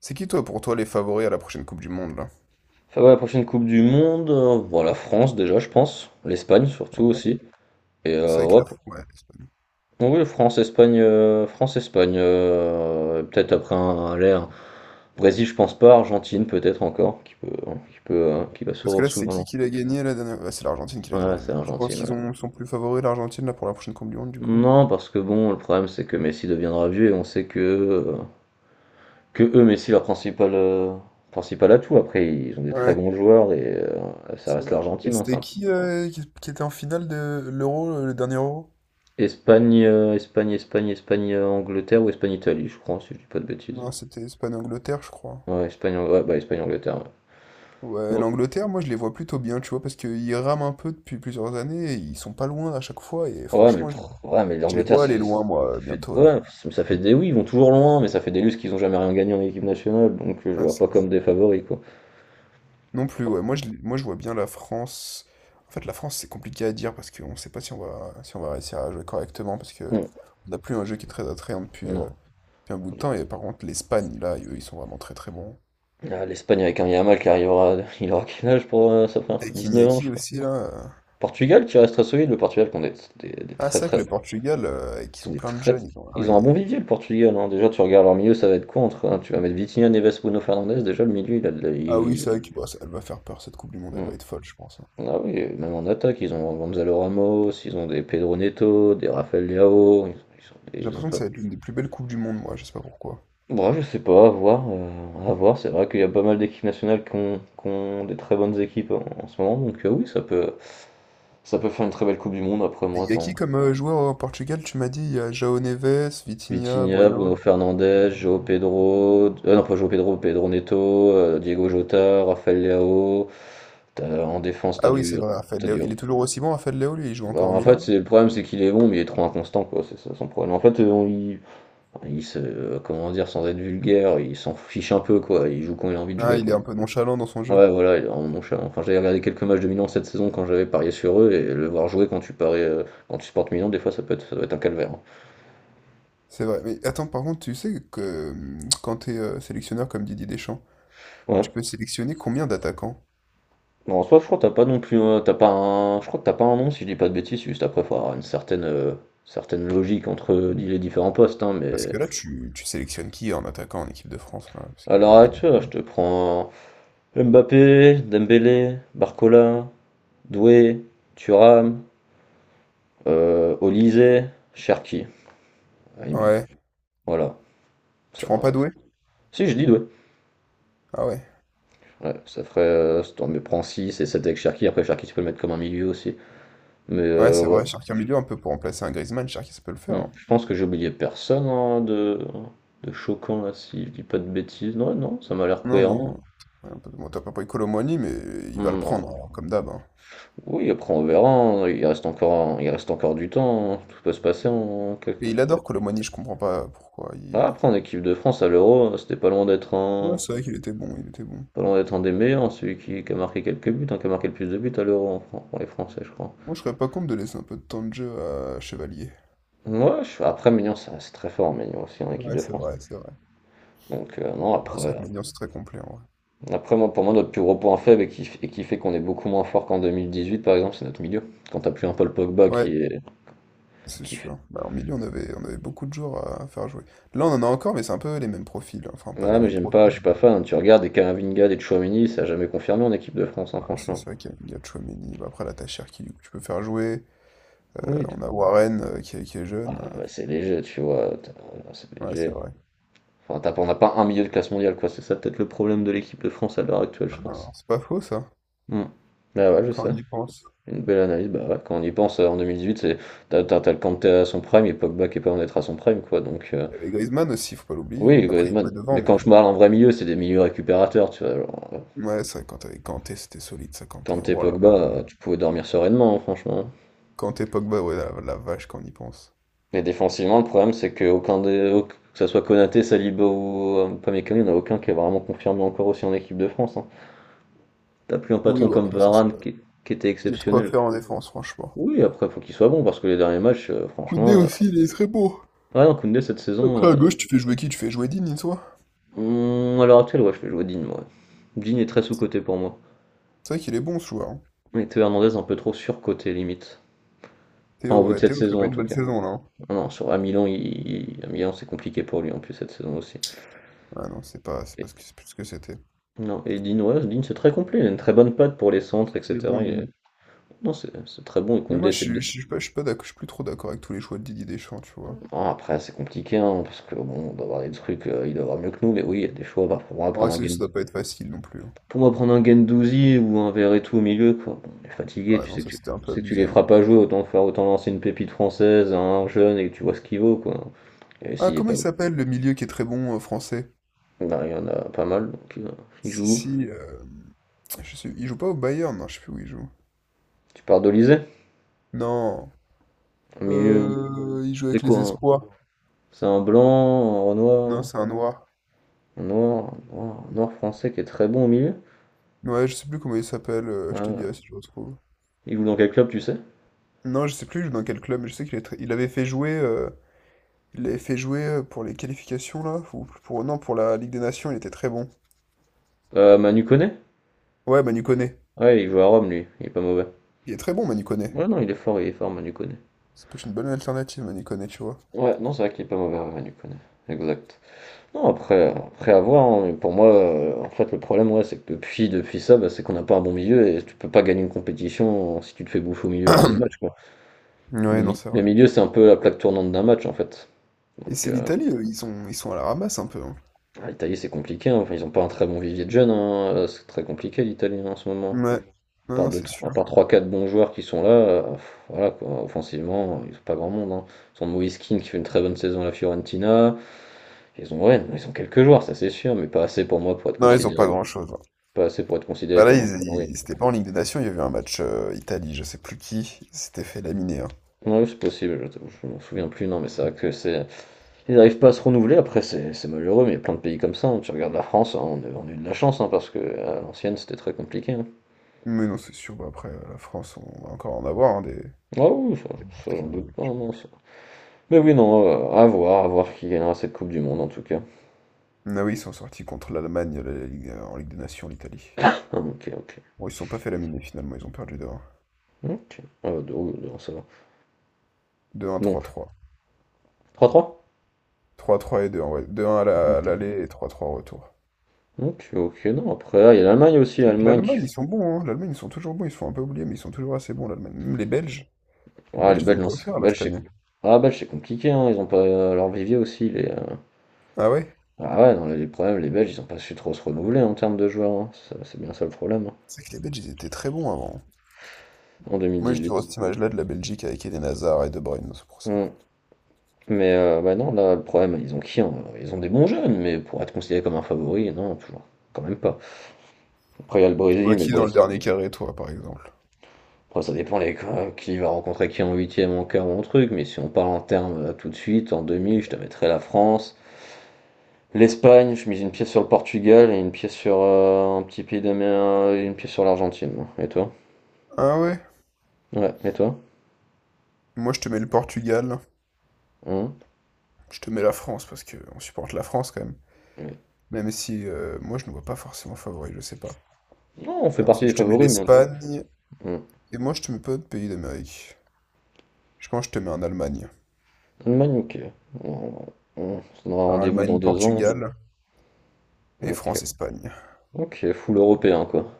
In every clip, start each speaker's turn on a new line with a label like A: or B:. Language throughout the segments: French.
A: C'est qui, toi, pour toi, les favoris à la prochaine Coupe du Monde, là?
B: Ça va, la prochaine Coupe du Monde, bon, la France déjà, je pense. L'Espagne surtout
A: Ouais.
B: aussi. Et
A: C'est vrai que
B: ouais,
A: la... Ouais, l'Espagne.
B: oui, France, Espagne, France, Espagne. Euh, peut-être après l'air. Brésil, je pense pas. Argentine, peut-être encore, qui peut, hein, qui peut, qui va
A: Parce que
B: souvent.
A: là, c'est qui l'a gagné la dernière... Ouais, c'est l'Argentine qui l'a gagné
B: Voilà,
A: la
B: c'est
A: dernière. Tu penses
B: Argentine. Ouais.
A: qu'ils ont... ils sont plus favoris, l'Argentine, là, pour la prochaine Coupe du Monde, du coup?
B: Non, parce que bon, le problème c'est que Messi deviendra vieux et on sait que eux, Messi, leur principal principal atout. Après, ils ont des très bons
A: Ouais,
B: joueurs et ça
A: c'est
B: reste
A: vrai. Et
B: l'Argentine, hein, c'est
A: c'était
B: un
A: qui, qui était en finale de l'Euro, le dernier Euro?
B: Espagne, Espagne, Espagne, Espagne, Angleterre ou Espagne, Italie, je crois, si je dis pas de bêtises.
A: Non, c'était Espagne-Angleterre, je crois.
B: Ouais, ouais, bah, Espagne, Angleterre.
A: Ouais,
B: Ouais,
A: l'Angleterre, moi, je les vois plutôt bien, tu vois, parce qu'ils rament un peu depuis plusieurs années, et ils sont pas loin à chaque fois, et
B: oh, ouais, mais,
A: franchement, je les
B: ouais, mais
A: je les
B: l'Angleterre,
A: vois
B: ça
A: aller
B: fait,
A: loin, moi,
B: ça fait,
A: bientôt, là.
B: ouais, ça fait des, oui, ils vont toujours loin, mais ça fait des lustres qu'ils ont jamais rien gagné en équipe nationale, donc je les
A: Ouais,
B: vois
A: c'est
B: pas
A: vrai.
B: comme des favoris, quoi.
A: Non plus, ouais. Moi, je vois bien la France. En fait, la France, c'est compliqué à dire parce qu'on ne sait pas si on va réussir à jouer correctement parce que
B: Non,
A: on n'a plus un jeu qui est très attrayant depuis,
B: non.
A: depuis un bout de temps. Et par contre, l'Espagne, là, eux, ils sont vraiment très très bons.
B: Ah, l'Espagne avec un Yamal qui arrivera, il aura quel âge pour sa première coupe
A: Avec
B: 19 ans, je
A: Iñaki
B: crois.
A: aussi, là.
B: Portugal qui reste très solide, le Portugal qui ont des
A: Ah,
B: très
A: c'est vrai que
B: très
A: le Portugal,
B: ils
A: ils
B: ont
A: ont
B: des
A: plein de
B: très,
A: jeunes. Ils ont... Ah
B: ils ont
A: oui,
B: un bon vivier, le Portugal. Hein. Déjà, tu regardes leur milieu, ça va être quoi entre, hein, tu vas mettre Vitinha, Neves, Bruno Fernandes. Déjà, le milieu, il a de la.
A: ah, oui c'est vrai que, bah, elle va faire peur cette Coupe du Monde, elle
B: Hmm.
A: va être folle, je pense, hein.
B: Ah oui, et même en attaque, ils ont Gonzalo Ramos, ils ont des Pedro Neto, des Rafael Leao.
A: J'ai
B: Ils ont
A: l'impression que
B: pas.
A: ça va être l'une des plus belles Coupes du Monde, moi, je sais pas pourquoi.
B: Bon, je sais pas, à voir. Euh, à voir. C'est vrai qu'il y a pas mal d'équipes nationales qui ont des très bonnes équipes en, en ce moment. Donc, oui, ça peut faire une très belle Coupe du Monde. Après,
A: Et
B: moi,
A: il y a qui
B: tant,
A: comme joueur au Portugal? Tu m'as dit, il y a João Neves, Vitinha,
B: Vitinha, Bruno
A: Bruno.
B: Fernandes, João Pedro, non pas João Pedro, Pedro Neto, Diego Jota, Rafael Leao. En défense, t'as
A: Ah oui,
B: du,
A: c'est vrai, Raphaël
B: t'as
A: Léo.
B: du.
A: Il est toujours aussi bon, Raphaël Léo, lui, il joue
B: Bah,
A: encore au
B: en fait,
A: Milan, là.
B: c'est le problème, c'est qu'il est bon, mais il est trop inconstant, quoi. C'est ça son problème. En fait, enfin, il se, comment dire, sans être vulgaire, il s'en fiche un peu, quoi. Il joue quand il a envie de
A: Ah,
B: jouer,
A: il
B: quoi.
A: est un peu nonchalant dans son jeu.
B: Ouais, voilà, il est vraiment nonchalant. Enfin, j'avais regardé quelques matchs de Milan cette saison quand j'avais parié sur eux, et le voir jouer quand tu paries, quand tu supportes Milan, des fois, ça peut être, ça doit être un calvaire. Hein.
A: C'est vrai. Mais attends, par contre, tu sais que quand t'es es sélectionneur comme Didier Deschamps,
B: Ouais.
A: tu peux sélectionner combien d'attaquants?
B: Bon, en soi, je crois que t'as pas non plus, t'as pas un, je crois que t'as pas un nom si je dis pas de bêtises. Juste après, faut avoir une certaine, certaine logique entre les différents postes, hein,
A: Parce
B: mais
A: que là, tu sélectionnes qui en attaquant en équipe de France, là, parce
B: à
A: qu'il
B: l'heure
A: y en a
B: actuelle,
A: beaucoup.
B: je te prends Mbappé, Dembélé, Barcola, Doué, Thuram, Olise, Cherki, à la limite.
A: Ouais.
B: Voilà.
A: Tu
B: Ça,
A: prends pas
B: euh,
A: Doué?
B: Si je dis Doué,
A: Ah ouais.
B: ouais, ça ferait, si prends 6 et 7 avec Cherki. Après, Cherki, tu peux le mettre comme un milieu aussi, mais
A: Ouais, c'est
B: ouais.
A: vrai, Cherki en milieu, un peu pour remplacer un Griezmann, Cherki, ça peut le faire,
B: Mmh.
A: hein.
B: Je pense que j'ai oublié personne, hein, de choquant là, si je dis pas de bêtises. Non, non, ça m'a l'air
A: Non,
B: cohérent.
A: non. Ouais, bon, t'as pas pris Kolo Muani, mais il va le
B: Hmm,
A: prendre,
B: non.
A: hein, comme d'hab, hein.
B: Oui, après on verra, hein. Il reste encore un, il reste encore du temps, hein. Tout peut se passer en quelques...
A: Et il adore Kolo Muani, je comprends pas pourquoi.
B: Ah,
A: Il...
B: après en équipe de France à l'Euro, c'était pas loin d'être
A: Ouais,
B: un
A: c'est vrai qu'il était bon, il était bon.
B: pas loin d'être un des meilleurs, hein, celui qui a marqué quelques buts, hein, qui a marqué le plus de buts à l'Euro en pour les Français, je crois.
A: Moi, je serais pas contre de laisser un peu de temps de jeu à Chevalier.
B: Ouais, après Maignan, c'est très fort, Maignan aussi en équipe
A: Ouais,
B: de
A: c'est
B: France.
A: vrai, c'est vrai.
B: Donc non,
A: Non, c'est vrai
B: après
A: que Médian, c'est très complet, en vrai.
B: après, moi, pour moi, notre plus gros point faible et qui fait qu'on est beaucoup moins fort qu'en 2018, par exemple, c'est notre milieu. Quand t'as plus un Paul Pogba qui
A: Ouais,
B: est.
A: c'est
B: Qui fait...
A: sûr. Bah, en milieu, on avait beaucoup de joueurs à faire jouer. Là, on en a encore, mais c'est un peu les mêmes profils, hein. Enfin, pas
B: Ouais,
A: les
B: mais
A: mêmes
B: j'aime pas,
A: profils,
B: je suis pas
A: mais...
B: fan. Tu regardes des Camavinga, des Tchouaméni, ça a jamais confirmé en équipe de France, hein,
A: Ouais, c'est
B: franchement.
A: ça qu'il y a, il y a Tchouaméni. Bah, après, là, t'as Cherki, du tu peux faire jouer. Euh,
B: Oui.
A: on a Warren, qui est jeune.
B: Ah, bah, c'est léger, tu vois. C'est
A: Ouais, c'est
B: léger.
A: vrai.
B: Enfin, t'as- pas on n'a pas un milieu de classe mondiale, quoi. C'est ça peut-être le problème de l'équipe de France à l'heure actuelle, je
A: Ah, non,
B: pense.
A: c'est pas faux, ça,
B: Hmm. Bah ouais, je
A: quand on
B: sais.
A: y pense.
B: Une belle analyse. Bah ouais, quand on y pense, en 2018, c'est t'as le Kanté à son prime et Pogba qui est pas en être à son prime, quoi. Donc,
A: Il y avait Griezmann aussi, faut pas l'oublier, hein.
B: oui,
A: Après, il jouait
B: Griezmann.
A: devant,
B: Mais
A: mais...
B: quand je parle en vrai milieu, c'est des milieux récupérateurs, tu vois. Genre,
A: Ouais, c'est vrai, quand t'avais Kanté, c'était solide, ça,
B: quand
A: Kanté.
B: t'es
A: Oh là là là
B: Pogba,
A: là.
B: tu pouvais dormir sereinement, hein, franchement.
A: Quand t'es Pogba, ouais, la vache, quand on y pense.
B: Mais défensivement, le problème, c'est que aucun des, au- que ça soit Konaté, Saliba ou Upamecano, il n'y en a aucun qui est vraiment confirmé encore aussi en équipe de France. Hein. T'as plus un
A: Oui,
B: patron
A: bon,
B: comme
A: après, ça
B: Varane
A: va.
B: qui était
A: Il y a de quoi
B: exceptionnel.
A: faire en défense, franchement.
B: Oui, après, faut qu'il soit bon parce que les derniers matchs,
A: Koundé
B: franchement. Euh,
A: aussi, il est très beau.
B: ouais, non, Koundé, cette saison,
A: Après, à gauche, tu fais jouer qui? Tu fais jouer Digne, toi?
B: à l'heure actuelle, ouais, je fais jouer Digne, moi. Digne est très sous-coté pour moi.
A: C'est vrai qu'il est bon, ce joueur, hein.
B: Et Théo Hernandez, un peu trop surcoté, limite. Pas en
A: Théo,
B: vue de
A: ouais,
B: cette
A: Théo fait
B: saison,
A: pas
B: en
A: une
B: tout
A: bonne
B: cas.
A: saison, là, hein.
B: Non, non, sur à Milan, il à Milan, c'est compliqué pour lui en plus cette saison aussi.
A: Ah non, c'est pas ce
B: Et-
A: que, c'est plus ce que c'était.
B: non, et Dean, ouais, Dean, c'est très complet, il a une très bonne patte pour les centres,
A: Il est bon,
B: etc. Il est-
A: Digne.
B: non, c'est très bon, et
A: Mais moi,
B: Koundé, c'est deux.
A: je suis pas d'accord, je suis plus trop d'accord avec tous les choix de Didier Deschamps, tu vois.
B: Bon, après, c'est compliqué, hein, parce que bon, on doit avoir des trucs, il doit avoir mieux que nous, mais oui, il y a des choix. Bah, pour moi,
A: En
B: prendre
A: vrai,
B: un
A: c'est que ça
B: Gen...
A: doit pas être facile non plus, hein.
B: pour moi, prendre un Gendouzi ou un Verretou au milieu, quoi. Bon, on est fatigué,
A: Ah
B: tu
A: non,
B: sais que
A: ça,
B: tu...
A: c'était un
B: tu
A: peu
B: sais que tu
A: abusé,
B: les
A: hein.
B: feras pas jouer, autant faire, autant lancer une pépite française à un jeune et que tu vois ce qu'il vaut, quoi. Et
A: Ah,
B: s'il est
A: comment
B: pas
A: il
B: bon,
A: s'appelle, le milieu qui est très bon, français?
B: bah, il y en a pas mal, donc il
A: Si,
B: joue.
A: si, je sais, il joue pas au Bayern, non, je sais plus où il joue.
B: Tu pars d'Olysée?
A: Non.
B: Au milieu,
A: Il joue
B: c'est
A: avec
B: quoi?
A: les espoirs.
B: C'est un blanc, un
A: Non,
B: noir,
A: c'est un noir.
B: un noir français qui est très bon au milieu?
A: Ouais, je sais plus comment il s'appelle. Je te dirai
B: Ah,
A: si je le retrouve.
B: il joue dans quel club, tu sais?
A: Non, je sais plus il joue dans quel club, mais je sais il avait fait jouer, il l'avait fait jouer pour les qualifications là, ou pour non pour la Ligue des Nations, il était très bon.
B: Manu Koné?
A: Ouais, Manu Koné.
B: Ouais, il joue à Rome, lui. Il est pas mauvais.
A: Il est très bon, Manu Koné.
B: Ouais, non, il est fort, Manu Koné.
A: C'est peut-être une bonne alternative, Manu Koné, tu vois.
B: Ouais, non, c'est vrai qu'il est pas mauvais, ouais, Manu Koné. Exact. Non, après, après à voir, hein, mais pour moi, en fait, le problème, ouais, c'est que depuis ça, bah, c'est qu'on n'a pas un bon milieu et tu peux pas gagner une compétition si tu te fais bouffer au milieu à tous les matchs, quoi.
A: Ouais, non, c'est
B: Le
A: vrai.
B: milieu, c'est un peu la plaque tournante d'un match, en fait.
A: Et
B: Donc,
A: c'est l'Italie, eux, ils sont à la ramasse un peu, hein.
B: ah, l'Italie, c'est compliqué, hein. Enfin, ils n'ont pas un très bon vivier de jeunes, hein. C'est très compliqué l'Italie hein, en ce moment.
A: Ouais. Non,
B: Par
A: non,
B: deux,
A: c'est sûr.
B: trois, par trois, quatre bons joueurs qui sont là, pff, voilà quoi. Offensivement, ils n'ont pas grand monde. Hein. Ils ont Moïskine qui fait une très bonne saison à la Fiorentina. Ils ont, ouais, ils ont quelques joueurs, ça c'est sûr, mais pas assez pour moi pour être
A: Non, ils ont
B: considéré,
A: pas grand-chose, hein.
B: pas assez pour être considéré
A: Bah là,
B: comme un favori.
A: c'était pas en Ligue des Nations, il y avait un match Italie, je sais plus qui, il s'était fait laminer, hein.
B: Non, oui, c'est possible, je m'en souviens plus, non, mais c'est vrai que c'est. Ils n'arrivent pas à se renouveler, après c'est malheureux, mais il y a plein de pays comme ça. Hein. Tu regardes la France, hein, on a eu de la chance, hein, parce que à l'ancienne c'était très compliqué. Hein.
A: Mais non, c'est sûr, bah après, la France, on va encore en avoir, hein, des...
B: Ah oui, ça,
A: des morts
B: ça, j'en
A: qui
B: doute
A: ont-
B: pas, non, ça. Mais oui, non, à voir qui gagnera cette Coupe du Monde en tout cas.
A: Ah oui, ils sont sortis contre l'Allemagne en Ligue des Nations, l'Italie.
B: Ah, ok, ok.
A: Bon, ils se sont pas fait laminer finalement, ils ont perdu deux, 1
B: Ok, ah, deux, deux, ça va.
A: 2-1,
B: Bon,
A: trois, trois,
B: trois trois
A: trois 3 et deux 1 ouais. 2-1 à à
B: ok.
A: l'aller et trois trois au retour.
B: Ok, ok, non, après, ah, il y a l'Allemagne aussi,
A: C'est vrai que
B: l'Allemagne qui...
A: l'Allemagne, ils sont bons, hein. L'Allemagne, ils sont toujours bons, ils se font un peu oublier, mais ils sont toujours assez bons, l'Allemagne. Même les
B: Ah, les
A: Belges, ils ont
B: Belges,
A: de
B: non,
A: quoi faire là
B: Belges,
A: cette
B: c'est...
A: année.
B: Ah, Belges, c'est compliqué, hein, ils ont pas leur vivier aussi, les...
A: Ah ouais?
B: ah ouais, non, les, problèmes, les Belges, ils ont pas su trop se renouveler en termes de joueurs, hein, c'est bien ça le problème, hein,
A: C'est vrai que les Belges, ils étaient très bons avant.
B: en
A: Moi, je te vois
B: 2018.
A: cette image-là de la Belgique avec Eden Hazard et De Bruyne, c'est pour ça.
B: Hmm. Mais bah non, là, le problème, ils ont qui hein. Ils ont des bons jeunes, mais pour être considéré comme un favori, non, toujours, quand même pas. Après, il y a le
A: Tu
B: Brésil,
A: vois
B: mais le
A: qui dans le
B: Brésil.
A: dernier carré, toi, par exemple?
B: Après, ça dépend les, qui va rencontrer qui en huitième, en quart ou en truc, mais si on parle en termes tout de suite, en demi, je te mettrais la France. L'Espagne, je mise une pièce sur le Portugal et une pièce sur un petit pays d'Amérique, et une pièce sur l'Argentine. Hein. Et toi?
A: Ah ouais?
B: Ouais, et toi?
A: Moi, je te mets le Portugal.
B: Hein.
A: Je te mets la France parce que on supporte la France quand même.
B: Oui.
A: Même si moi, je ne vois pas forcément favori, je sais pas.
B: Non, on
A: Et
B: fait partie
A: ensuite,
B: des
A: je te mets
B: favoris, mais on...
A: l'Espagne.
B: Hum.
A: Et moi, je te mets pas de pays d'Amérique. Je pense que je te mets un Allemagne.
B: Allemagne, ok. On, on se donnera
A: Un
B: rendez-vous dans 2 ans.
A: Allemagne-Portugal et
B: Ok.
A: France-Espagne.
B: Ok, full européen quoi.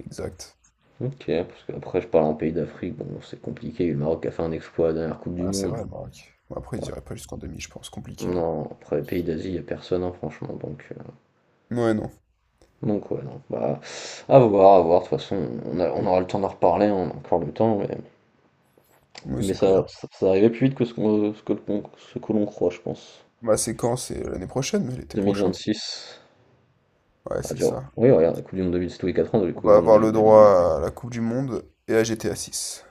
A: Exact.
B: Ok, parce qu'après je parle en pays d'Afrique, bon c'est compliqué, le Maroc a fait un exploit à la dernière Coupe du
A: Ah, c'est
B: Monde.
A: vrai, le Maroc. Bon, après, ils iraient pas jusqu'en demi, je pense. Compliqué, hein.
B: Non, après les pays d'Asie, il a personne hein, franchement,
A: Ouais, non.
B: donc ouais, non, bah à voir, de toute façon on aura le temps d'en reparler, hein, on a encore le temps,
A: Oui,
B: mais
A: c'est
B: ça,
A: clair.
B: ça, ça arrivait plus vite que ce que l'on croit, je pense.
A: Ma séquence, c'est l'année prochaine, l'été prochain.
B: 2026,
A: Ouais,
B: ah
A: c'est
B: tu vois,
A: ça.
B: oui regarde, la Coupe du Monde 2000, c'est tous les 4 ans, la
A: On
B: Coupe du
A: va
B: Monde
A: avoir le
B: 2000.
A: droit à la Coupe du Monde et à GTA 6.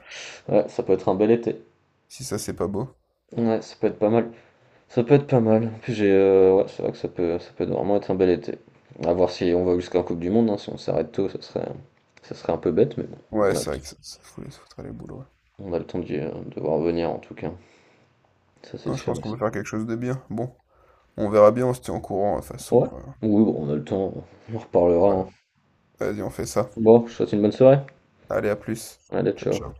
B: Ouais, ça peut être un bel été.
A: Si ça, c'est pas beau.
B: Ouais, ça peut être pas mal. Ça peut être pas mal. En plus, j'ai, ouais, c'est vrai que ça peut vraiment être un bel été. À voir si on va jusqu'à la coupe du monde, hein. Si on s'arrête tôt, ça serait un peu bête, mais bon, on
A: Ouais,
B: a le
A: c'est vrai que ça, foutre les boules, ouais.
B: on a le temps d'y, de voir venir en tout cas. Ça, c'est
A: Non, je
B: sûr
A: pense
B: et
A: qu'on
B: certain.
A: peut faire quelque chose de bien. Bon, on verra bien, on se tient au courant, de toute façon.
B: Ouais, oui, bon, on a le temps, on en reparlera,
A: Voilà.
B: hein.
A: Vas-y, on fait ça.
B: Bon, je te souhaite une bonne soirée.
A: Allez, à plus.
B: Allez,
A: Ciao,
B: ciao.
A: ciao.